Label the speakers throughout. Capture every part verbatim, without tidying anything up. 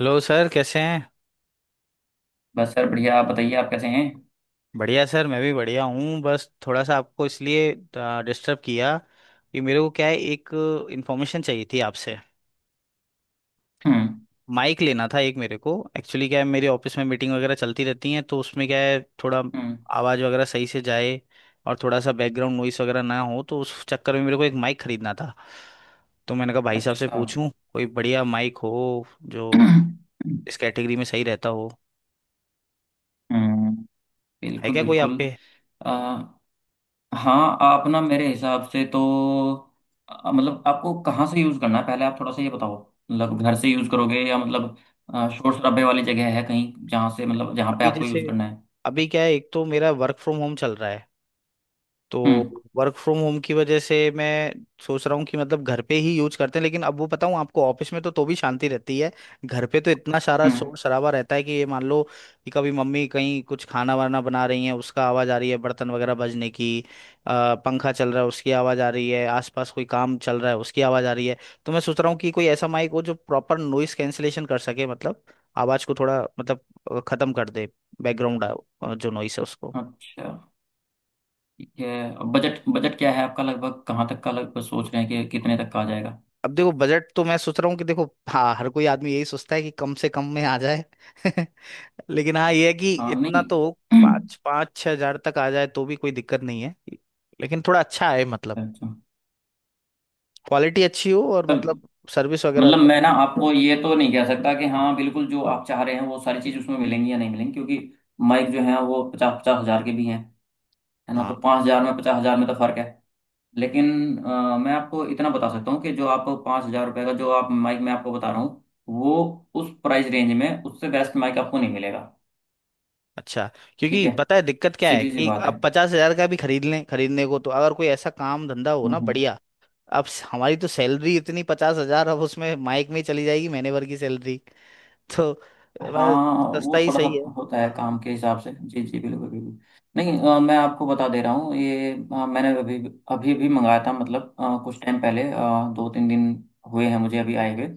Speaker 1: Hello sir, कैसे हैं।
Speaker 2: बस सर बढ़िया। आप बताइए आप कैसे हैं।
Speaker 1: बढ़िया सर, मैं भी बढ़िया हूँ, बस थोड़ा सा आपको इसलिए डिस्टर्ब किया कि मेरे को क्या है, एक इन्फॉर्मेशन चाहिए थी आपसे।
Speaker 2: हम्म।
Speaker 1: माइक लेना था एक मेरे को। एक्चुअली क्या है, मेरे ऑफिस में मीटिंग वगैरह चलती रहती हैं, तो उसमें क्या है, थोड़ा
Speaker 2: हम्म।
Speaker 1: आवाज़ वगैरह सही से जाए और थोड़ा सा बैकग्राउंड नॉइस वगैरह ना हो, तो उस चक्कर में मेरे को एक माइक खरीदना था। तो मैंने कहा भाई साहब से
Speaker 2: अच्छा।
Speaker 1: पूछूं, कोई बढ़िया माइक हो जो
Speaker 2: हम्म।
Speaker 1: इस कैटेगरी में सही रहता हो, है
Speaker 2: बिल्कुल
Speaker 1: क्या कोई
Speaker 2: बिल्कुल।
Speaker 1: आपके।
Speaker 2: अ, हाँ आप ना मेरे हिसाब से तो अ, मतलब आपको कहाँ से यूज़ करना है पहले आप थोड़ा सा ये बताओ। मतलब घर से यूज़ करोगे या मतलब अ, शोर शराबे वाली जगह है कहीं जहाँ से, मतलब जहाँ पे
Speaker 1: अभी
Speaker 2: आपको
Speaker 1: जैसे
Speaker 2: यूज़ करना है।
Speaker 1: अभी क्या है, एक तो मेरा वर्क फ्रॉम होम चल रहा है, तो
Speaker 2: हम्म।
Speaker 1: वर्क फ्रॉम होम की वजह से मैं सोच रहा हूँ कि मतलब घर पे ही यूज करते हैं। लेकिन अब वो बताऊँ आपको, ऑफिस में तो तो भी शांति रहती है, घर पे तो इतना सारा
Speaker 2: हम्म।
Speaker 1: शोर शराबा रहता है कि ये मान लो कि कभी मम्मी कहीं कुछ खाना वाना बना रही है, उसका आवाज़ आ रही है बर्तन वगैरह बजने की, अ, पंखा चल रहा है उसकी आवाज़ आ रही है, आसपास कोई काम चल रहा है उसकी आवाज़ आ रही है। तो मैं सोच रहा हूँ कि कोई ऐसा माइक हो जो प्रॉपर नॉइस कैंसिलेशन कर सके, मतलब आवाज़ को थोड़ा, मतलब अ, खत्म कर दे बैकग्राउंड जो नॉइस है उसको।
Speaker 2: अच्छा। ठीक है। बजट बजट क्या है आपका, लगभग कहाँ तक का लगभग सोच रहे हैं कि कितने तक का आ जाएगा।
Speaker 1: अब देखो, बजट तो मैं सोच रहा हूँ कि, देखो हाँ, हर कोई आदमी यही सोचता है कि कम से कम में आ जाए लेकिन हाँ ये है कि
Speaker 2: हाँ
Speaker 1: इतना
Speaker 2: नहीं।
Speaker 1: तो पाँच पाँच छह हजार तक आ जाए तो भी कोई दिक्कत नहीं है, लेकिन थोड़ा अच्छा है, मतलब
Speaker 2: अच्छा।
Speaker 1: क्वालिटी अच्छी हो और मतलब सर्विस वगैरह
Speaker 2: मतलब मैं
Speaker 1: बढ़िया।
Speaker 2: ना आपको ये तो नहीं कह सकता कि हाँ बिल्कुल जो आप चाह रहे हैं वो सारी चीज़ उसमें मिलेंगी या नहीं मिलेंगी, क्योंकि माइक जो है वो पचास पचास हजार के भी हैं। है ना, तो
Speaker 1: हाँ।
Speaker 2: पाँच हजार में पचास हजार में तो फर्क है। लेकिन अ, मैं आपको इतना बता सकता हूँ कि जो आपको पाँच हजार रुपये का जो आप माइक मैं आपको बता रहा हूँ वो उस प्राइस रेंज में उससे बेस्ट माइक आपको नहीं मिलेगा।
Speaker 1: अच्छा।
Speaker 2: ठीक
Speaker 1: क्योंकि
Speaker 2: है।
Speaker 1: पता है दिक्कत क्या है
Speaker 2: सीधी सी
Speaker 1: कि
Speaker 2: बात है।
Speaker 1: अब पचास हजार का भी खरीद लें, खरीदने को तो, अगर कोई ऐसा काम धंधा हो
Speaker 2: हम्म
Speaker 1: ना
Speaker 2: हम्म।
Speaker 1: बढ़िया। अब स- हमारी तो सैलरी इतनी, पचास हजार, अब उसमें माइक में ही चली जाएगी महीने भर की सैलरी तो अ,
Speaker 2: हाँ
Speaker 1: सस्ता
Speaker 2: वो
Speaker 1: ही
Speaker 2: थोड़ा सा
Speaker 1: सही है।
Speaker 2: होता है काम
Speaker 1: हाँ।
Speaker 2: के हिसाब से। जी जी, बिल्कुल बिल्कुल। नहीं अ, मैं आपको बता दे रहा हूँ ये। अ, मैंने अभी अभी भी मंगाया था, मतलब अ, कुछ टाइम पहले, अ, दो तीन दिन हुए हैं मुझे अभी आए हुए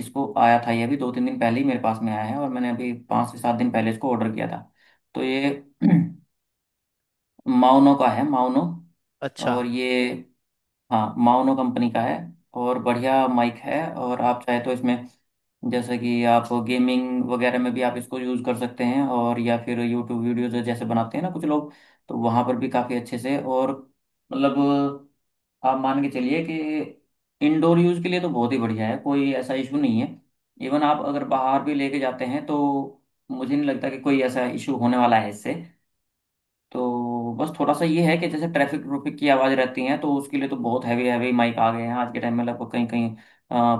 Speaker 2: इसको। आया था ये अभी दो तीन दिन पहले ही मेरे पास में आया है, और मैंने अभी पाँच से सात दिन पहले इसको ऑर्डर किया था। तो ये माउनो का है, माउनो।
Speaker 1: अच्छा
Speaker 2: और ये, हाँ, माओनो कंपनी का है। और बढ़िया माइक है, और आप चाहे तो इसमें जैसे कि आप गेमिंग वगैरह में भी आप इसको यूज़ कर सकते हैं, और या फिर यूट्यूब वीडियोज जैसे बनाते हैं ना कुछ लोग, तो वहाँ पर भी काफ़ी अच्छे से। और मतलब आप मान के चलिए कि इंडोर यूज़ के लिए तो बहुत ही बढ़िया है, कोई ऐसा इशू नहीं है। इवन आप अगर बाहर भी लेके जाते हैं तो मुझे नहीं लगता कि कोई ऐसा इशू होने वाला है इससे। तो बस थोड़ा सा ये है कि जैसे ट्रैफिक ट्रफिक की आवाज़ रहती है तो उसके लिए तो बहुत हैवी हैवी माइक आ गए हैं आज के टाइम में। लगभग कहीं कहीं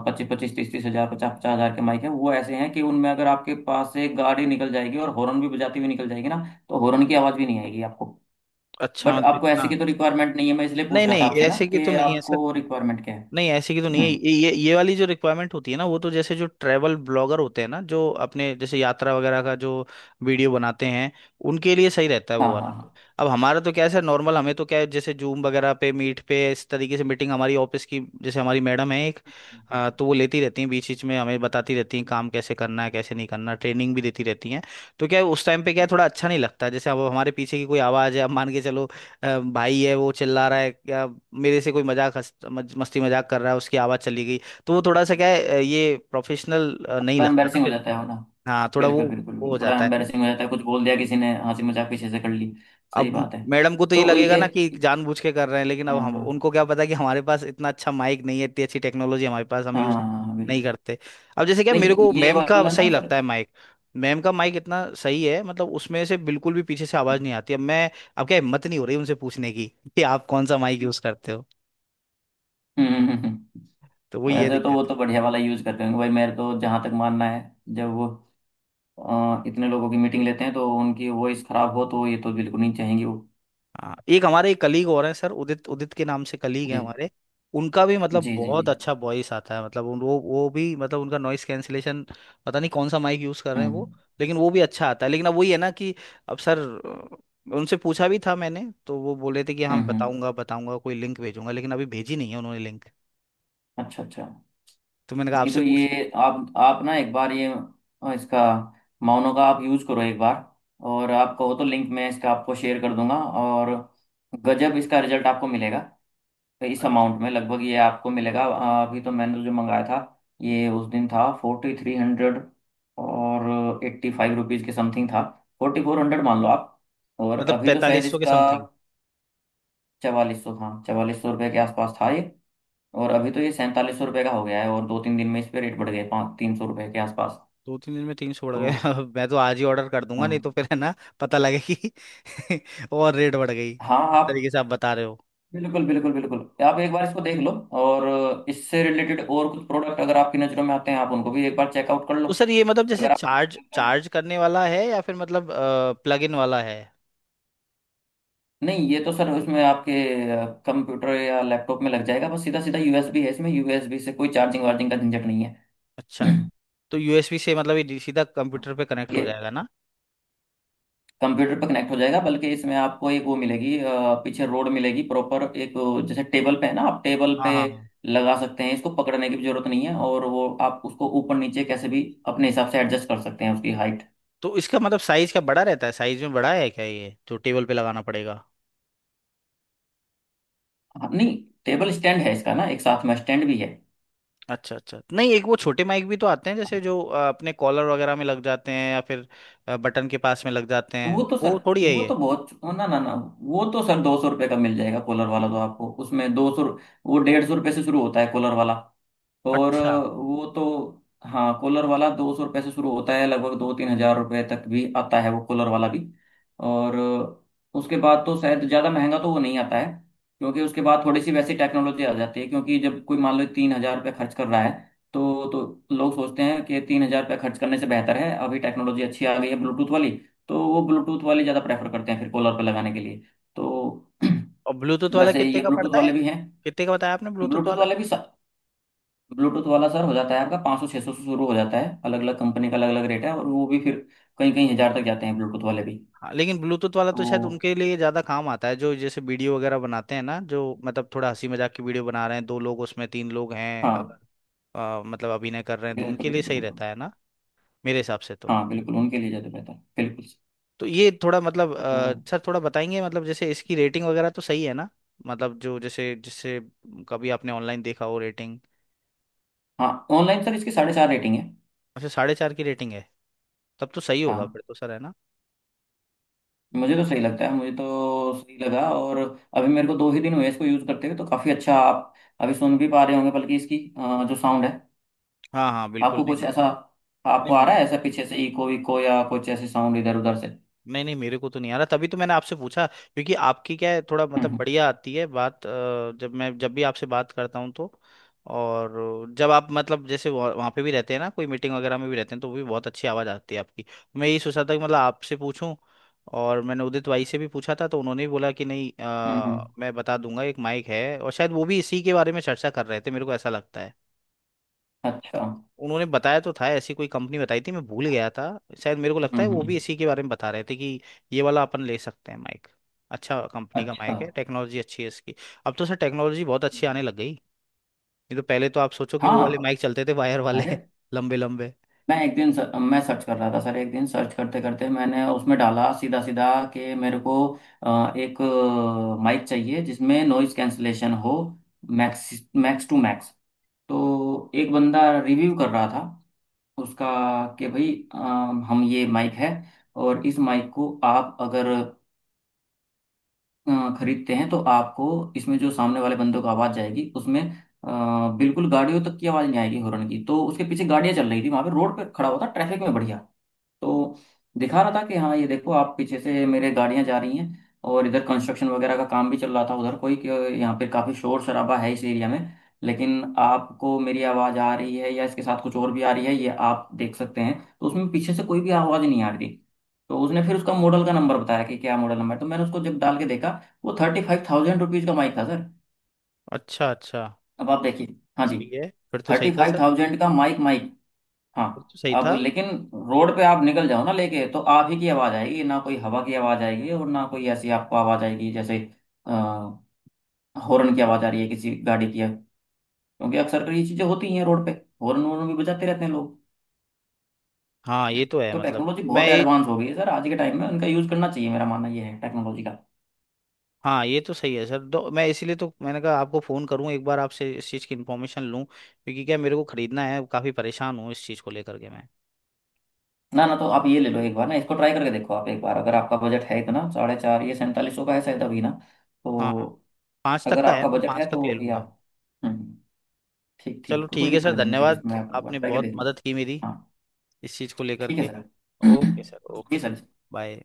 Speaker 2: पच्चीस पच्चीस तीस तीस हजार पचास पचास हजार के माइक हैं, वो ऐसे हैं कि उनमें अगर आपके पास से गाड़ी निकल जाएगी और हॉर्न भी बजाती हुई निकल जाएगी ना, तो हॉर्न की आवाज़ भी नहीं आएगी आपको।
Speaker 1: अच्छा,
Speaker 2: बट
Speaker 1: मतलब
Speaker 2: आपको ऐसे
Speaker 1: इतना।
Speaker 2: की तो रिक्वायरमेंट नहीं है, मैं इसलिए
Speaker 1: नहीं
Speaker 2: पूछ रहा था
Speaker 1: नहीं,
Speaker 2: आपसे ना
Speaker 1: ऐसे की तो
Speaker 2: कि
Speaker 1: नहीं है सर,
Speaker 2: आपको रिक्वायरमेंट क्या है।
Speaker 1: नहीं ऐसे की तो नहीं है।
Speaker 2: हम्म।
Speaker 1: ये ये ये वाली जो रिक्वायरमेंट होती है ना, वो तो जैसे जो ट्रैवल ब्लॉगर होते हैं ना, जो अपने जैसे यात्रा वगैरह का जो वीडियो बनाते हैं, उनके लिए सही रहता है
Speaker 2: हाँ
Speaker 1: वो
Speaker 2: हाँ
Speaker 1: वाला तो।
Speaker 2: हाँ।
Speaker 1: अब हमारा तो क्या है सर, नॉर्मल। हमें तो क्या है, जैसे जूम वगैरह पे, मीट पे, इस तरीके से मीटिंग हमारी ऑफिस की, जैसे हमारी मैडम है एक,
Speaker 2: हम्म,
Speaker 1: अ,
Speaker 2: हम्म,
Speaker 1: तो वो लेती रहती हैं, बीच बीच में हमें बताती रहती हैं काम कैसे करना है, कैसे नहीं करना, ट्रेनिंग भी देती रहती हैं। तो क्या है, उस टाइम पे क्या है, थोड़ा अच्छा नहीं लगता है। जैसे अब हमारे पीछे की कोई आवाज़ है, अब मान के चलो, अ, भाई है वो चिल्ला रहा
Speaker 2: हम्म,
Speaker 1: है क्या, मेरे से कोई मजाक, हंस मज, मस्ती मजाक कर रहा है, उसकी आवाज चली गई, तो वो थोड़ा सा क्या
Speaker 2: हम्म।
Speaker 1: है, अ, ये प्रोफेशनल नहीं
Speaker 2: थोड़ा
Speaker 1: लगता ना
Speaker 2: एम्बेरसिंग हो
Speaker 1: फिर।
Speaker 2: जाता है वो ना।
Speaker 1: हाँ, थोड़ा वो
Speaker 2: बिल्कुल बिल्कुल
Speaker 1: वो हो
Speaker 2: बिल्कुल, थोड़ा
Speaker 1: जाता है।
Speaker 2: एम्बेरसिंग हो जाता है, कुछ बोल दिया किसी ने, हंसी मजाक पीछे से कर ली। सही
Speaker 1: अब
Speaker 2: बात है।
Speaker 1: मैडम को तो ये
Speaker 2: तो
Speaker 1: लगेगा
Speaker 2: ये,
Speaker 1: ना कि जानबूझ के कर रहे हैं, लेकिन अब
Speaker 2: हाँ
Speaker 1: हम
Speaker 2: हाँ
Speaker 1: उनको, क्या पता कि हमारे पास इतना अच्छा माइक नहीं है, इतनी अच्छी टेक्नोलॉजी हमारे पास, हम
Speaker 2: हाँ,
Speaker 1: यूज
Speaker 2: हाँ, हाँ,
Speaker 1: नहीं
Speaker 2: बिल्कुल।
Speaker 1: करते। अब जैसे, क्या मेरे
Speaker 2: नहीं
Speaker 1: को
Speaker 2: ये
Speaker 1: मैम का
Speaker 2: वाला ना
Speaker 1: सही
Speaker 2: सर।
Speaker 1: लगता है माइक, मैम का माइक इतना सही है, मतलब उसमें से बिल्कुल भी पीछे से आवाज नहीं आती। अब मैं, अब क्या, हिम्मत नहीं हो रही उनसे पूछने की कि आप कौन सा माइक यूज करते हो।
Speaker 2: हम्म हम्म, हम्म। हम्म।
Speaker 1: तो वही है
Speaker 2: वैसे तो वो
Speaker 1: दिक्कत।
Speaker 2: तो बढ़िया वाला यूज करते होंगे भाई मेरे, तो जहां तक मानना है, जब वो अ, इतने लोगों की मीटिंग लेते हैं, तो उनकी वॉइस खराब हो तो ये तो बिल्कुल नहीं चाहेंगे वो।
Speaker 1: हाँ, एक हमारे एक कलीग और हैं सर, उदित, उदित के नाम से कलीग हैं
Speaker 2: जी
Speaker 1: हमारे। उनका भी मतलब
Speaker 2: जी। जी
Speaker 1: बहुत
Speaker 2: जी।
Speaker 1: अच्छा वॉइस आता है, मतलब उन- वो वो भी, मतलब उनका नॉइस कैंसिलेशन, पता नहीं कौन सा माइक यूज कर रहे हैं
Speaker 2: हम्म
Speaker 1: वो, लेकिन वो भी अच्छा आता है। लेकिन अब वही है ना कि, अब सर, अ, उनसे पूछा भी था मैंने, तो वो बोले थे कि हाँ
Speaker 2: हम्म हम्म।
Speaker 1: बताऊंगा बताऊंगा, कोई लिंक भेजूंगा, लेकिन अभी भेजी नहीं है उन्होंने लिंक।
Speaker 2: अच्छा अच्छा।
Speaker 1: तो मैंने कहा
Speaker 2: नहीं
Speaker 1: आपसे
Speaker 2: तो
Speaker 1: पूछ लूं।
Speaker 2: ये आप आप ना एक बार ये अ, इसका माउनो का आप यूज़ करो एक बार, और आप कहो तो लिंक मैं इसका आपको शेयर कर दूंगा। और गजब इसका रिजल्ट आपको मिलेगा। इस अमाउंट में लगभग ये आपको मिलेगा। अ, अभी तो मैंने जो मंगाया था, ये उस दिन था फोर्टी थ्री हंड्रेड और एट्टी फाइव रुपीज़ के समथिंग था। फोर्टी फोर हंड्रेड मान लो आप। और
Speaker 1: मतलब
Speaker 2: अभी तो शायद
Speaker 1: पैंतालीस सौ के
Speaker 2: इसका
Speaker 1: समथिंग।
Speaker 2: चवालीस सौ, हाँ चवालीस सौ रुपये के आसपास था ये। और अभी तो ये सैंतालीस सौ रुपये का हो गया है, और दो तीन दिन में इस पे रेट बढ़ गए पाँच तीन सौ रुपये के आसपास।
Speaker 1: दो तीन दिन में तीन सौ बढ़ गए
Speaker 2: तो
Speaker 1: अब मैं तो आज ही ऑर्डर कर दूंगा, नहीं तो
Speaker 2: हाँ।
Speaker 1: फिर है ना, पता लगे कि और रेट बढ़ गई
Speaker 2: हाँ
Speaker 1: जिस
Speaker 2: आप
Speaker 1: तरीके से आप बता रहे हो।
Speaker 2: बिल्कुल बिल्कुल बिल्कुल। आप एक बार इसको देख लो, और इससे रिलेटेड और कुछ प्रोडक्ट अगर आपकी नज़रों में आते हैं आप उनको भी एक बार चेकआउट कर लो,
Speaker 1: तो सर ये मतलब, जैसे
Speaker 2: अगर आपको कुछ
Speaker 1: चार्ज,
Speaker 2: लगता है।
Speaker 1: चार्ज करने वाला है, या फिर मतलब प्लग इन वाला है।
Speaker 2: नहीं ये तो सर उसमें आपके कंप्यूटर या लैपटॉप में लग जाएगा, बस सीधा सीधा। यूएसबी है इसमें, यूएसबी से कोई चार्जिंग वार्जिंग का झंझट नहीं है।
Speaker 1: अच्छा। तो यूएसबी से मतलब ये सीधा कंप्यूटर पे कनेक्ट हो
Speaker 2: ये
Speaker 1: जाएगा ना।
Speaker 2: कंप्यूटर पे कनेक्ट हो जाएगा, बल्कि इसमें आपको एक वो मिलेगी, अ, पीछे रोड मिलेगी प्रॉपर, एक अ, जैसे टेबल पे है ना, आप टेबल
Speaker 1: हाँ
Speaker 2: पे
Speaker 1: हाँ हाँ।
Speaker 2: लगा सकते हैं इसको, पकड़ने की भी जरूरत नहीं है। और वो आप उसको ऊपर नीचे कैसे भी अपने हिसाब से एडजस्ट कर सकते हैं उसकी हाइट।
Speaker 1: तो इसका मतलब साइज क्या, बड़ा रहता है, साइज में बड़ा है क्या ये, जो टेबल पे लगाना पड़ेगा।
Speaker 2: नहीं, टेबल स्टैंड है इसका ना, एक साथ में स्टैंड भी है।
Speaker 1: अच्छा अच्छा। नहीं, एक वो छोटे माइक भी तो आते हैं जैसे, जो अ, अपने कॉलर वगैरह में लग जाते हैं या फिर अ, बटन के पास में लग जाते हैं,
Speaker 2: वो तो सर,
Speaker 1: वो थोड़ी है
Speaker 2: वो
Speaker 1: ये।
Speaker 2: तो बहुत, ना ना ना, वो तो सर दो सौ रुपये का मिल जाएगा कॉलर वाला तो आपको, उसमें दो सौ, वो डेढ़ सौ रुपये से शुरू होता है कॉलर वाला। और
Speaker 1: अच्छा।
Speaker 2: अ, वो तो हाँ, कॉलर वाला दो सौ रुपये से शुरू होता है, लगभग दो तीन हजार रुपये तक भी आता है वो कॉलर वाला भी। और अ, उसके बाद तो शायद ज़्यादा महंगा तो वो नहीं आता है, क्योंकि उसके बाद थोड़ी सी वैसी टेक्नोलॉजी आ जाती है, क्योंकि जब कोई मान लो तीन हजार रुपये खर्च कर रहा है तो तो लोग सोचते हैं कि तीन हजार रुपये खर्च करने से बेहतर है, अभी टेक्नोलॉजी अच्छी आ गई है ब्लूटूथ वाली, तो वो ब्लूटूथ वाली ज़्यादा प्रेफर करते हैं फिर कॉलर पर लगाने के लिए। तो
Speaker 1: और ब्लूटूथ वाला
Speaker 2: वैसे
Speaker 1: कितने
Speaker 2: ये
Speaker 1: का
Speaker 2: ब्लूटूथ
Speaker 1: पड़ता है।
Speaker 2: वाले भी हैं।
Speaker 1: कितने का बताया आपने ब्लूटूथ
Speaker 2: ब्लूटूथ
Speaker 1: वाला।
Speaker 2: वाले भी, ब्लूटूथ वाला सर हो जाता है आपका पाँच सौ छः सौ से शुरू हो जाता है। अलग अलग कंपनी का अलग अलग रेट है, और वो भी फिर कहीं कहीं हज़ार तक जाते हैं ब्लूटूथ वाले भी।
Speaker 1: हाँ लेकिन ब्लूटूथ वाला तो शायद
Speaker 2: तो
Speaker 1: उनके लिए ज्यादा काम आता है, जो जैसे वीडियो वगैरह बनाते हैं ना, जो मतलब थोड़ा हंसी मजाक की वीडियो बना रहे हैं, दो लोग उसमें, तीन लोग हैं अगर,
Speaker 2: हाँ,
Speaker 1: अ, मतलब अभिनय कर रहे हैं, तो उनके
Speaker 2: बिल्कुल
Speaker 1: लिए
Speaker 2: बिल्कुल
Speaker 1: सही
Speaker 2: बिल्कुल,
Speaker 1: रहता है ना, मेरे हिसाब से तो।
Speaker 2: हाँ बिल्कुल उनके लिए ज़्यादा बेहतर है, बिल्कुल सर।
Speaker 1: तो ये थोड़ा मतलब, अ,
Speaker 2: तो
Speaker 1: सर थोड़ा बताएंगे मतलब, जैसे इसकी रेटिंग वगैरह तो सही है ना, मतलब जो जैसे, जैसे कभी आपने ऑनलाइन देखा हो रेटिंग।
Speaker 2: हाँ, ऑनलाइन सर इसकी साढ़े चार रेटिंग है।
Speaker 1: अच्छा, साढ़े चार की रेटिंग है, तब तो सही होगा फिर
Speaker 2: हाँ।
Speaker 1: तो सर, है ना।
Speaker 2: मुझे तो सही लगता है, मुझे तो सही लगा। और अभी मेरे को दो ही दिन हुए इसको यूज़ करते हुए, तो काफ़ी अच्छा आप अभी सुन भी पा रहे होंगे, बल्कि इसकी अ, जो साउंड है।
Speaker 1: हाँ हाँ बिल्कुल।
Speaker 2: आपको
Speaker 1: नहीं
Speaker 2: कुछ ऐसा, आपको आ
Speaker 1: नहीं।
Speaker 2: रहा है ऐसा पीछे से इको विको, या कुछ ऐसे साउंड इधर उधर से?
Speaker 1: नहीं नहीं, मेरे को तो नहीं आ रहा, तभी तो मैंने आपसे पूछा, क्योंकि आपकी क्या है, थोड़ा
Speaker 2: हम्म
Speaker 1: मतलब
Speaker 2: हम्म
Speaker 1: बढ़िया आती है बात। अ, जब मैं जब भी आपसे बात करता हूँ तो, और जब आप मतलब, जैसे वह- वहाँ पे भी रहते हैं ना, कोई मीटिंग वगैरह में भी रहते हैं, तो वो भी बहुत अच्छी आवाज़ आती है आपकी, तो मैं यही सोचा था कि मतलब आपसे पूछूं। और मैंने उदित भाई से भी पूछा था, तो उन्होंने भी बोला कि नहीं,
Speaker 2: हम्म।
Speaker 1: अ,
Speaker 2: हम्म,
Speaker 1: मैं बता दूंगा एक माइक है, और शायद वो भी इसी के बारे में चर्चा कर रहे थे, मेरे को ऐसा लगता है।
Speaker 2: अच्छा।
Speaker 1: उन्होंने बताया तो था, ऐसी कोई कंपनी बताई थी, मैं भूल गया था। शायद मेरे को लगता है
Speaker 2: हम्म
Speaker 1: वो
Speaker 2: हम्म,
Speaker 1: भी इसी के बारे में बता रहे थे कि ये वाला अपन ले सकते हैं माइक। अच्छा कंपनी का
Speaker 2: अच्छा।
Speaker 1: माइक है, टेक्नोलॉजी अच्छी है इसकी। अब तो सर टेक्नोलॉजी बहुत अच्छी आने
Speaker 2: हम्म।
Speaker 1: लग गई, नहीं तो पहले तो आप सोचो कि वो वाले
Speaker 2: हाँ।
Speaker 1: माइक चलते थे वायर वाले
Speaker 2: अरे,
Speaker 1: लंबे लंबे।
Speaker 2: मैं एक दिन सर, मैं सर्च कर रहा था सर एक दिन, सर्च करते करते मैंने उसमें डाला सीधा सीधा कि मेरे को अ, एक माइक चाहिए जिसमें नॉइज कैंसलेशन हो मैक्स, मैक्स टू मैक्स। तो एक बंदा रिव्यू कर रहा था उसका कि भाई अ, हम ये माइक है, और इस माइक को आप अगर अ, खरीदते हैं तो आपको इसमें जो सामने वाले बंदों को आवाज जाएगी उसमें अ, बिल्कुल गाड़ियों तक की आवाज नहीं आएगी, हॉर्न की तो। उसके पीछे गाड़ियां चल रही थी, वहां पे रोड पे खड़ा हुआ था ट्रैफिक में बढ़िया। तो दिखा रहा था कि हाँ ये देखो, आप पीछे से मेरे गाड़ियां जा रही हैं, और इधर कंस्ट्रक्शन वगैरह का काम भी चल रहा था उधर कोई, कि यहाँ पे काफ़ी शोर शराबा है इस एरिया में, लेकिन आपको मेरी आवाज़ आ रही है या इसके साथ कुछ और भी आ रही है, ये आप देख सकते हैं। तो उसमें पीछे से कोई भी आवाज़ नहीं आ रही थी। तो उसने फिर उसका मॉडल का नंबर बताया कि क्या मॉडल नंबर है, तो मैंने उसको जब डाल के देखा, वो थर्टी फाइव थाउजेंड रुपीज़ का माइक था सर।
Speaker 1: अच्छा अच्छा।
Speaker 2: अब आप देखिए। हाँ जी।
Speaker 1: सही है, फिर तो सही
Speaker 2: थर्टी
Speaker 1: था
Speaker 2: फाइव
Speaker 1: सर,
Speaker 2: थाउजेंड का माइक। माइक, हाँ।
Speaker 1: फिर तो सही
Speaker 2: अब
Speaker 1: था।
Speaker 2: लेकिन रोड पे आप निकल जाओ ना लेके तो आप ही की आवाज आएगी, ना कोई हवा की आवाज आएगी, और ना कोई ऐसी आपको आवाज आएगी जैसे अ, हॉर्न की आवाज आ रही है किसी गाड़ी की है, क्योंकि अक्सर कर ये चीजें होती हैं रोड पे, हॉर्न वॉर्न भी बजाते रहते हैं लोग।
Speaker 1: हाँ ये तो है
Speaker 2: तो
Speaker 1: मतलब।
Speaker 2: टेक्नोलॉजी
Speaker 1: मैं
Speaker 2: बहुत
Speaker 1: ये
Speaker 2: एडवांस हो गई है सर आज के टाइम में, उनका यूज करना चाहिए, मेरा मानना ये है, टेक्नोलॉजी का।
Speaker 1: हाँ ये तो सही है सर, तो मैं इसीलिए, तो मैंने कहा आपको फ़ोन करूँ एक बार, आपसे इस चीज़ की इन्फॉर्मेशन लूँ, क्योंकि क्या मेरे को खरीदना है, काफ़ी परेशान हूँ इस चीज़ को लेकर के मैं।
Speaker 2: ना ना तो आप ये ले लो एक बार ना, इसको ट्राई करके देखो आप एक बार। अगर आपका बजट है इतना साढ़े चार, ये सैंतालीस सौ का है शायद अभी ना,
Speaker 1: हाँ,
Speaker 2: तो
Speaker 1: पाँच तक
Speaker 2: अगर
Speaker 1: का है,
Speaker 2: आपका
Speaker 1: मतलब
Speaker 2: बजट है
Speaker 1: पाँच तक
Speaker 2: तो
Speaker 1: ले
Speaker 2: अभी
Speaker 1: लूंगा मैं।
Speaker 2: आप। हम्म। ठीक
Speaker 1: चलो
Speaker 2: ठीक, कोई
Speaker 1: ठीक है सर,
Speaker 2: दिक्कत नहीं है, फिर
Speaker 1: धन्यवाद,
Speaker 2: इसमें आप एक बार
Speaker 1: आपने
Speaker 2: ट्राई के
Speaker 1: बहुत
Speaker 2: देखना।
Speaker 1: मदद की मेरी
Speaker 2: हाँ,
Speaker 1: इस चीज़ को लेकर
Speaker 2: ठीक है
Speaker 1: के।
Speaker 2: सर।
Speaker 1: ओके सर, ओके
Speaker 2: जी
Speaker 1: सर,
Speaker 2: सर।
Speaker 1: बाय।